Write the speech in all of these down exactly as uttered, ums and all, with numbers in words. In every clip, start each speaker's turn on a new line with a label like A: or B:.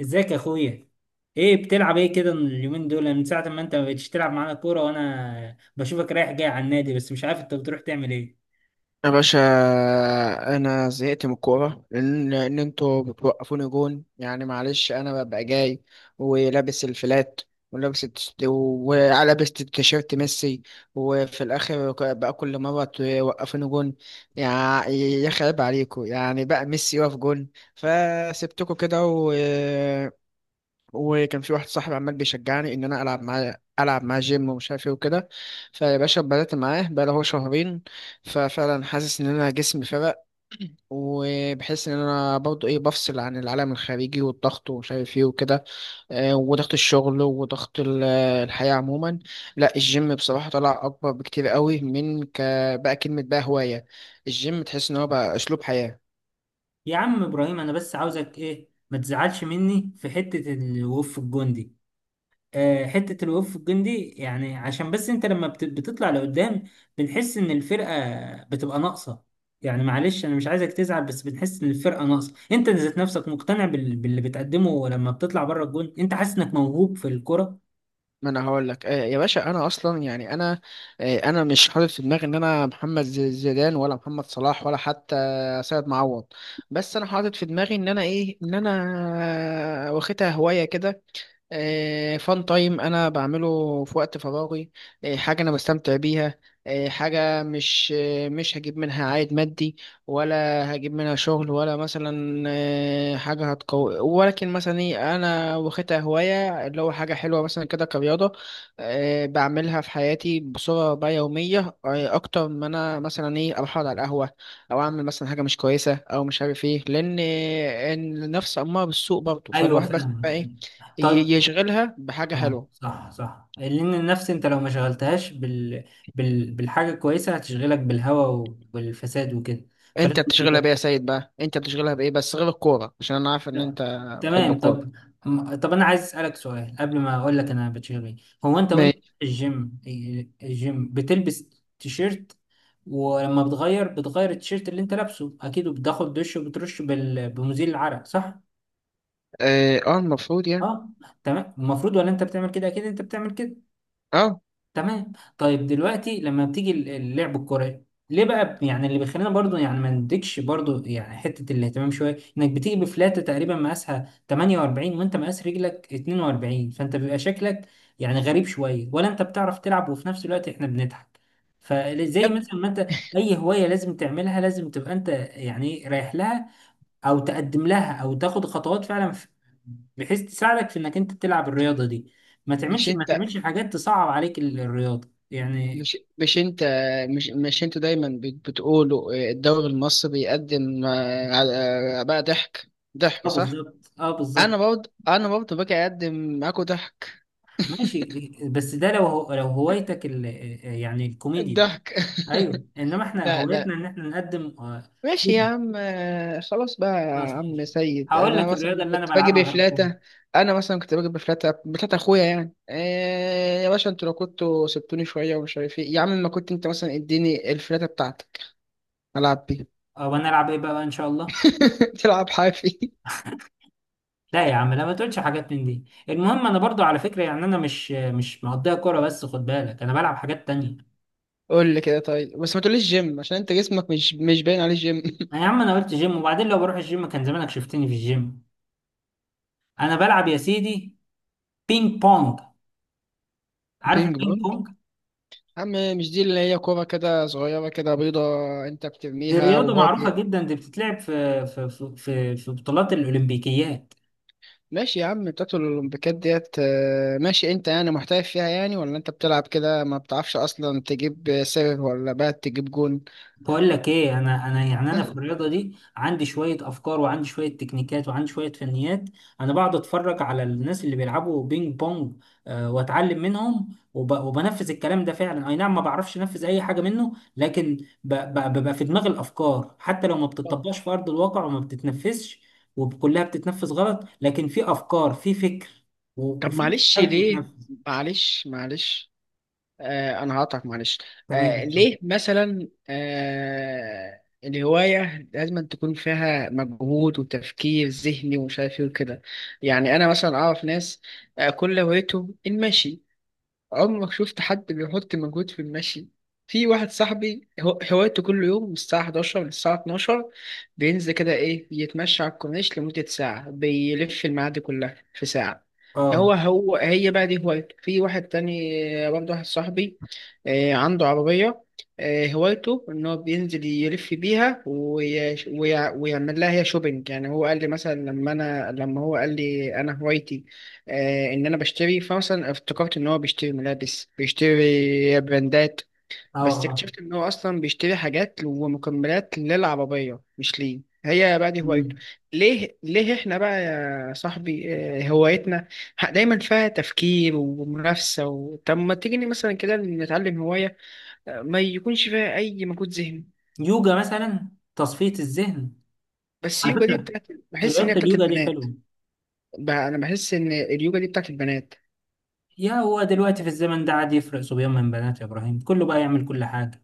A: ازيك يا اخويا؟ ايه بتلعب ايه كده اليومين دول؟ من ساعة ما انت ما بقتش تلعب معانا كورة وانا بشوفك رايح جاي على النادي بس مش عارف انت بتروح تعمل ايه.
B: يا باشا انا زهقت من الكوره لان لأن انتوا بتوقفوني جون، يعني معلش انا ببقى جاي ولابس الفلات ولابس التس- ولابس التيشيرت ميسي، وفي الاخر بقى كل مره توقفوني جون. يا يا خرب عليكم، يعني بقى ميسي واقف جون، فسبتكم كده. وكان في واحد صاحبي عمال بيشجعني ان انا العب معاه العب معاه جيم ومش عارف ايه وكده. فيا باشا بدأت معاه بقاله هو شهرين، ففعلا حاسس ان انا جسمي فرق، وبحس ان انا برضه ايه بفصل عن العالم الخارجي والضغط ومش عارف ايه وكده، آه، وضغط الشغل وضغط ال- الحياة عموما. لا الجيم بصراحة طلع اكبر بكتير قوي من ك بقى كلمة، بقى هواية. الجيم تحس ان هو بقى اسلوب حياة.
A: يا عم ابراهيم انا بس عاوزك ايه، ما تزعلش مني في حتة الوقوف الجندي. آه، حتة الوقوف الجندي يعني عشان بس انت لما بت- بتطلع لقدام بنحس ان الفرقة بتبقى ناقصة. يعني معلش انا مش عايزك تزعل بس بنحس ان الفرقة ناقصة. انت ذات نفسك مقتنع بال- باللي بتقدمه لما بتطلع بره الجون؟ انت حاسس انك موهوب في الكرة؟
B: ما انا هقول لك، آه، يا باشا انا اصلا يعني انا، آه، انا مش حاطط في دماغي ان انا محمد ز- زيدان ولا محمد صلاح ولا حتى سيد معوض، بس انا حاطط في دماغي ان انا ايه، ان انا واخدها هوايه كده. فان تايم انا بعمله في وقت فراغي، آه، حاجه انا بستمتع بيها، آه، حاجه مش آه، مش هجيب منها عائد مادي ولا هجيب منها شغل، ولا مثلا آه، حاجه هتقوي، ولكن مثلا ايه انا واخدها هوايه، اللي هو حاجه حلوه مثلا كده كرياضه، آه، بعملها في حياتي بصوره بقى يوميه، آه، اكتر ما انا مثلا ايه اروح أقعد على القهوه او اعمل مثلا حاجه مش كويسه او مش عارف ايه، لان آه، النفس اماره بالسوء برضه،
A: ايوه،
B: فالواحد بس
A: فاهم.
B: بقى ايه ي-
A: طيب.
B: يشغلها بحاجة
A: اه
B: حلوة.
A: صح صح، لان النفس انت لو ما شغلتهاش بال... بال... بالحاجه الكويسه هتشغلك بالهوى وبالفساد وكده،
B: انت
A: فلازم
B: بتشغلها
A: كده.
B: بإيه يا سيد بقى؟ انت بتشغلها بإيه بس غير الكورة؟ عشان انا عارف ان انت بتحب
A: تمام.
B: الكورة.
A: طب، م- طب انا عايز اسالك سؤال قبل ما اقول لك انا بتشغل ايه. هو انت وانت
B: ماشي.
A: في الجيم، الجيم بتلبس تيشيرت، ولما بتغير بتغير التيشيرت اللي انت لابسه اكيد، وبتاخد دش وبترش بال... بمزيل العرق، صح؟
B: اه، آه، المفروض يعني.
A: اه، تمام، المفروض. ولا انت بتعمل كده؟ اكيد انت بتعمل كده.
B: اه،
A: تمام. طيب دلوقتي لما بتيجي ال- اللعب الكرة، ليه بقى ب- يعني اللي بيخلينا برضو يعني ما نديكش برضو يعني حتة الاهتمام شوية، انك بتيجي بفلاتة تقريبا مقاسها تمانية واربعين وانت مقاس رجلك اتنين واربعين، فانت بيبقى شكلك يعني غريب شوية. ولا انت بتعرف تلعب وفي نفس الوقت احنا بنضحك؟
B: يا
A: فزي
B: ابني،
A: مثلا ما انت، اي هواية لازم تعملها لازم تبقى انت يعني رايح لها، او تقدم لها، او تاخد خطوات فعلا في- بحيث تساعدك في انك انت تلعب الرياضه دي. ما
B: مش
A: تعملش ما
B: انت
A: تعملش حاجات تصعب عليك ال- الرياضه يعني.
B: مش مش انت مش مش انت دايما بت- بتقولوا آه، الدوري المصري بيقدم آه، على- آه، بقى ضحك، ضحك
A: اه
B: صح.
A: بالظبط، اه
B: انا
A: بالظبط.
B: برضه انا برضه باجي اقدم معاكوا ضحك،
A: ماشي، بس ده لو هو لو هوايتك ال... يعني الكوميديا.
B: الضحك
A: ايوه، انما احنا
B: لا، لا،
A: هوايتنا ان احنا نقدم آه،
B: ماشي يا
A: فيلم.
B: عم، آه، خلاص بقى يا
A: خلاص
B: عم
A: ماشي.
B: سيد.
A: هقول
B: انا
A: لك الرياضه
B: مثلا
A: اللي انا
B: كنت باجي
A: بلعبها غير الكوميديا.
B: بفلاتة، انا مثلا كنت باجي بفلاتة بفلاتة اخويا، يعني إيه يا باشا؟ انتوا لو كنتوا سبتوني شوية ومش عارف ايه يا عم، ما كنت انت مثلا اديني الفلاتة بتاعتك العب بيها.
A: آه، وانا العب ايه بقى ان شاء الله؟
B: تلعب حافي؟
A: لا يا عم لا، ما تقولش حاجات من دي. المهم انا برضو على فكره يعني انا مش مش مقضيها كوره بس، خد بالك انا بلعب حاجات تانية.
B: قول لي كده، طيب بس ما تقوليش جيم عشان انت جسمك مش مش باين عليه جيم.
A: يا عم انا قلت جيم، وبعدين لو بروح الجيم كان زمانك شفتني في الجيم. انا بلعب يا سيدي بينج بونج. عارف
B: بينج
A: البينج
B: بونج؟
A: بونج؟
B: يا عم، مش دي اللي هي كورة كده صغيرة كده بيضة، انت
A: دي
B: بترميها
A: رياضة
B: وهو
A: معروفة
B: بي...
A: جدا، دي بتتلعب في في في في, في بطولات الأولمبيكيات.
B: ماشي يا عم بتاعت الأولمبيكات ديت. آه، ماشي، أنت يعني محترف فيها يعني ولا أنت بتلعب كده ما بتعرفش أصلا تجيب سيرف ولا بقى تجيب جون؟
A: بقول لك ايه، انا انا يعني انا في الرياضه دي عندي شويه افكار وعندي شويه تكنيكات وعندي شويه فنيات. انا بقعد اتفرج على الناس اللي بيلعبوا بينج بونج، آه، واتعلم منهم وب... وبنفذ الكلام ده. فعلا اي نعم ما بعرفش انفذ اي حاجه منه لكن ب... ب... ببقى في دماغي الافكار حتى لو ما
B: طب
A: بتطبقش في ارض الواقع وما بتتنفذش، وكلها بتتنفذ غلط، لكن في افكار، في فكر و-
B: طب
A: وفي
B: معلش
A: حاجه
B: ليه؟
A: تتنفذ.
B: معلش معلش آه، أنا هقطعك معلش.
A: تمام
B: آه،
A: إن شاء الله.
B: ليه مثلا آه الهواية لازم تكون فيها مجهود وتفكير ذهني ومش عارف إيه وكده؟ يعني أنا مثلا أعرف ناس آه كل هوايته المشي، عمرك شفت حد بيحط مجهود في المشي؟ في واحد صاحبي هو- هوايته كل يوم من الساعة إحداشر للساعة اتناشر بينزل كده إيه يتمشى على الكورنيش لمدة ساعة، بيلف المعادي كلها في ساعة. هو
A: اه
B: هو هي بقى دي هوايته. في واحد تاني برضه واحد صاحبي آه، عنده عربية، آه، هوايته إن هو بينزل يلف بيها وي- ويع- ويعمل لها هي شوبينج. يعني هو قال لي مثلا لما أنا لما هو قال لي أنا هوايتي آه، ان انا بشتري، فمثلا افتكرت ان هو بيشتري ملابس بيشتري براندات،
A: اه
B: بس
A: اه.
B: اكتشفت ان هو اصلا بيشتري حاجات ومكملات للعربيه مش ليه، هي بقى دي هوايته.
A: مم.
B: ليه ليه احنا بقى يا صاحبي آه، هوايتنا ح- دايما فيها تفكير ومنافسه و... طب ما تيجي مثلا كده نتعلم هوايه آه، ما يكونش فيها اي مجهود ذهني.
A: يوجا مثلا، تصفيه الذهن.
B: بس
A: على
B: اليوجا دي
A: فكرة
B: بتاعت بحس ان هي
A: رياضة
B: بتاعت
A: اليوجا دي
B: البنات.
A: حلوة.
B: بقى انا بحس ان اليوجا دي بتاعت البنات.
A: يا هو دلوقتي في الزمن ده عاد يفرق صبيان من بنات يا إبراهيم؟ كله بقى يعمل كل حاجة.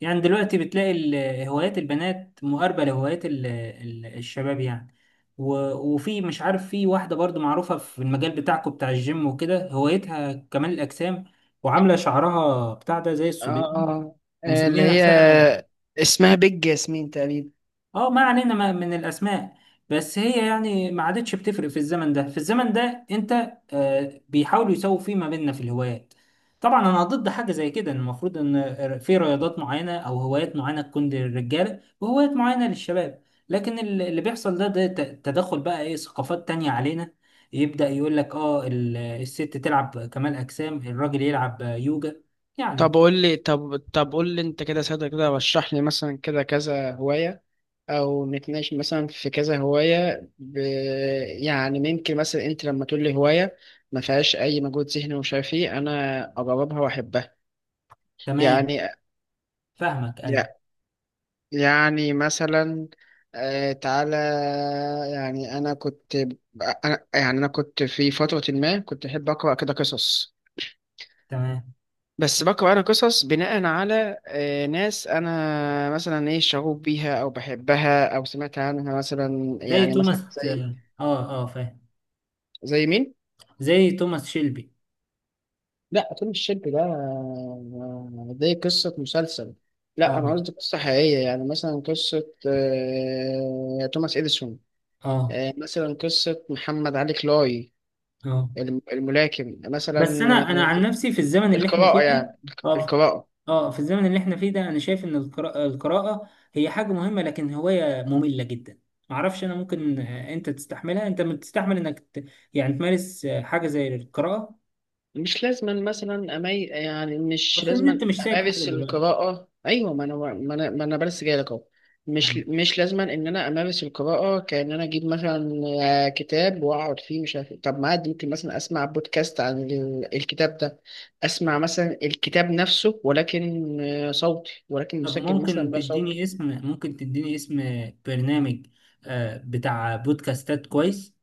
A: يعني دلوقتي بتلاقي ال- هوايات البنات مقاربة لهوايات ال- ال- الشباب يعني. و- وفي مش عارف، في واحدة برضو معروفة في المجال بتاعكم بتاع الجيم وكده، هوايتها كمال الأجسام، وعاملة شعرها بتاع ده زي
B: اه،
A: الصبيان،
B: اه، آه، اللي
A: ومسمية
B: هي
A: نفسها،
B: اسمها بيج ياسمين تقريبا.
A: اه ما علينا ما- من الاسماء. بس هي يعني ما عادتش بتفرق في الزمن ده. في الزمن ده انت، آه، بيحاولوا يساووا فيه ما بيننا في الهوايات. طبعا انا ضد حاجه زي كده، إن المفروض ان في رياضات معينه او هوايات معينه تكون للرجاله وهوايات معينه للشباب، لكن ال- اللي بيحصل ده، ده ت- تدخل بقى ايه ثقافات تانية علينا. يبدا يقول لك اه ال- الست تلعب كمال اجسام، الراجل يلعب يوجا
B: طب
A: يعني.
B: قول لي، طب طب قول لي انت كده ساده كده، رشح لي مثلا كده كذا هوايه، او نتناقش مثلا في كذا هوايه ب... يعني ممكن مثلا انت لما تقول لي هوايه ما فيهاش اي مجهود ذهني ومش عارف ايه، انا اجربها واحبها.
A: تمام،
B: يعني
A: فاهمك، ايوه
B: يع- يعني مثلا، آه، تعالى، يعني انا كنت، انا يعني انا كنت في فتره ما كنت احب اقرا كده قصص،
A: تمام.
B: بس بقرأ أنا قصص بناء على آه، ناس أنا مثلا إيه شغوف بيها أو بحبها أو سمعت عنها، مثلا
A: زي
B: يعني مثلا
A: توماس،
B: زي،
A: اه اه، آه، فاهم.
B: زي مين؟
A: زي توماس شيلبي.
B: لا فيلم الشاب ده آه، زي قصة مسلسل. لا
A: اه
B: أنا قصدي قصة حقيقية، يعني مثلا قصة آه، توماس إديسون،
A: اه
B: آه، مثلا قصة محمد علي كلاي،
A: اه.
B: الم- الملاكم
A: بس
B: مثلا.
A: انا انا
B: آه،
A: عن نفسي في الزمن اللي احنا
B: القراءة
A: فيه ده،
B: يعني،
A: اه
B: القراءة.
A: اه، في الزمن اللي احنا فيه ده انا شايف ان القراءة، القراءة هي حاجة مهمة لكن هواية مملة جدا. معرفش انا ممكن، آه، انت تستحملها؟ انت بتستحمل انك ت... يعني تمارس آه، حاجة زي القراءة؟
B: مش لازما مثلا أمي، يعني مش
A: بس ان
B: لازما
A: انت مش سايب حاجة
B: أمارس
A: دلوقتي.
B: القراءة، أيوة، ما أنا ما أنا ما أنا بس جاي لك أهو. مش
A: آه.
B: مش لازما إن أنا أمارس القراءة كأن أنا أجيب مثلا آه، كتاب وأقعد فيه مش عارف إيه. طب ما عادي ممكن مثلا أسمع بودكاست عن ال- الكتاب ده، أسمع مثلا الكتاب نفسه ولكن آه، صوتي، ولكن
A: طب
B: مسجل مثلا
A: ممكن
B: بصوت.
A: تديني اسم، ممكن تديني اسم برنامج آه، بتاع بودكاستات كويس؟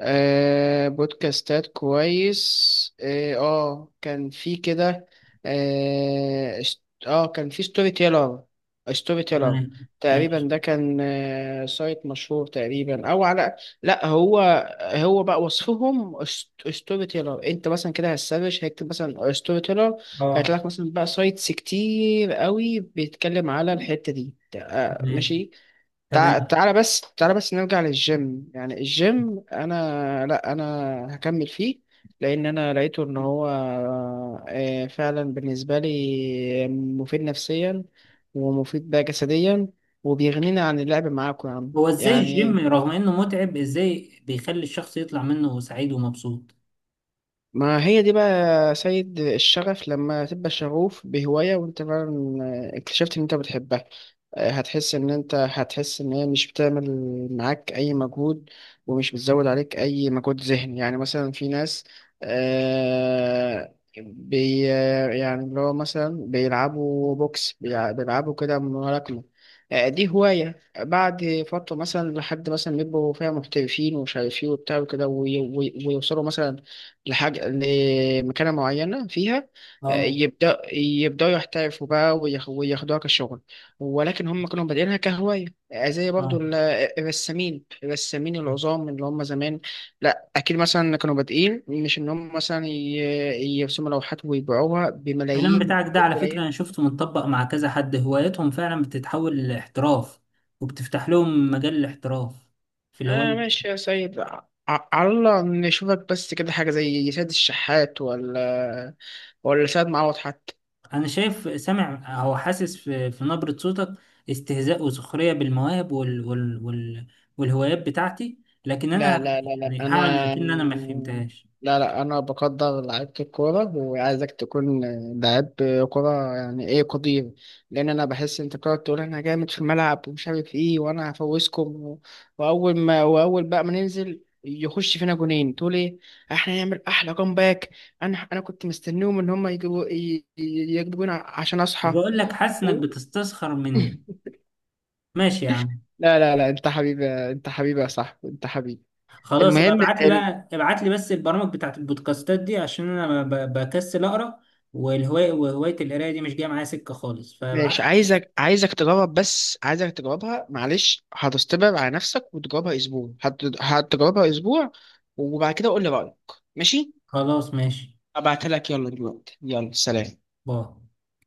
B: آه بودكاستات كويس، اه آه، كان في كده، اه اشت- آه، كان في ستوري تيلر، ستوري تيلر
A: تمام،
B: تقريبا.
A: ماشي.
B: ده كان آه سايت مشهور تقريبا او على، لا هو، هو بقى وصفهم ست- ستوري تيلر. انت مثلا كده هتسرش هيكتب مثلا ستوري تيلر،
A: اه
B: هيطلع لك مثلا بقى سايتس كتير قوي بيتكلم على الحتة دي. آه
A: تمام،
B: ماشي. تع-
A: تمام.
B: تعالى بس، تعالى بس نرجع للجيم. يعني الجيم انا لا انا هكمل فيه، لان انا لقيته ان هو آه، فعلا بالنسبه لي مفيد نفسيا، ومفيد بقى جسديا، وبيغنينا عن اللعب معاكم يا عم
A: هو ازاي الجيم
B: يعني.
A: رغم انه متعب ازاي بيخلي الشخص يطلع منه سعيد ومبسوط؟
B: ما هي دي بقى يا سيد، الشغف لما تبقى شغوف بهواية وانت فعلا آه، اكتشفت ان انت بتحبها، آه، هتحس ان انت هتحس ان هي مش بتعمل معاك اي مجهود، ومش بتزود عليك اي مجهود ذهني. يعني مثلا في ناس آه بي آه، يعني اللي هو مثلا بيلعبوا بوكس بيلع- بيلعبوا كده ملاكمة، آه، دي هواية بعد فترة مثلا لحد مثلا بيبقوا فيها محترفين ومش عارف ايه وبتاع وكده وي- وي- ويوصلوا مثلا لحاجة، لمكانة معينة فيها، آه،
A: اه
B: يبدأ يبدأوا يحترفوا بقى وياخ- وياخدوها كشغل، ولكن هم كانوا بادئينها كهواية، آه، زي برضو
A: اه.
B: ال- الرسامين، الرسامين العظام اللي هم زمان، لا أكيد مثلا كانوا بادئين مش إن هم مثلا ي- يرسموا لوحات ويبيعوها
A: الكلام
B: بملايين،
A: بتاعك ده على فكرة انا
B: البلايين.
A: شفته متطبق مع كذا حد، هوايتهم فعلا بتتحول لاحتراف، وبتفتح لهم مجال الاحتراف في
B: آه
A: الهواية.
B: ماشي يا سيد، ع- على الله نشوفك بس كده حاجة زي سيد الشحات، ولا ولا سيد معوض حتى.
A: انا شايف، سامع او حاسس في، في نبرة صوتك استهزاء وسخرية بالمواهب وال وال وال والهوايات بتاعتي، لكن
B: لا،
A: انا
B: لا، لا، لا،
A: يعني هعمل
B: انا،
A: اكن انا ما فهمتهاش.
B: لا، لا، انا بقدر لعيبة الكورة وعايزك تكون لعيب كورة، يعني ايه قدير؟ لان انا بحس انت بتقعد تقول انا جامد في الملعب ومش عارف ايه، وانا هفوزكم. واول ما واول بقى ما ننزل يخش فينا جونين تقول ايه احنا هنعمل احلى باك. انا انا كنت مستنيهم ان هم يجيبوا ي- ي- يجيبوا جون عشان
A: مش
B: اصحى.
A: بقول لك حاسس انك بتستسخر مني؟ ماشي يا عم.
B: لا، لا، لا، انت حبيبي، انت حبيبي يا صاحبي، انت حبيبي.
A: خلاص ابقى
B: المهم
A: ابعت لي بقى، ابعت لي بس البرامج بتاعت البودكاستات دي عشان انا ب- بكسل اقرا، والهوايه وهوايه القرايه دي مش جايه معايا سكه خالص، فابعت
B: ماشي،
A: لي.
B: عايزك عايزك تجرب، بس عايزك تجربها معلش هتستبعد على نفسك وتجربها اسبوع، هت... هتجربها اسبوع وبعد كده قول لي رأيك. ماشي،
A: خلاص ماشي.
B: ابعتها لك يلا دلوقتي. يلا سلام.
A: باي.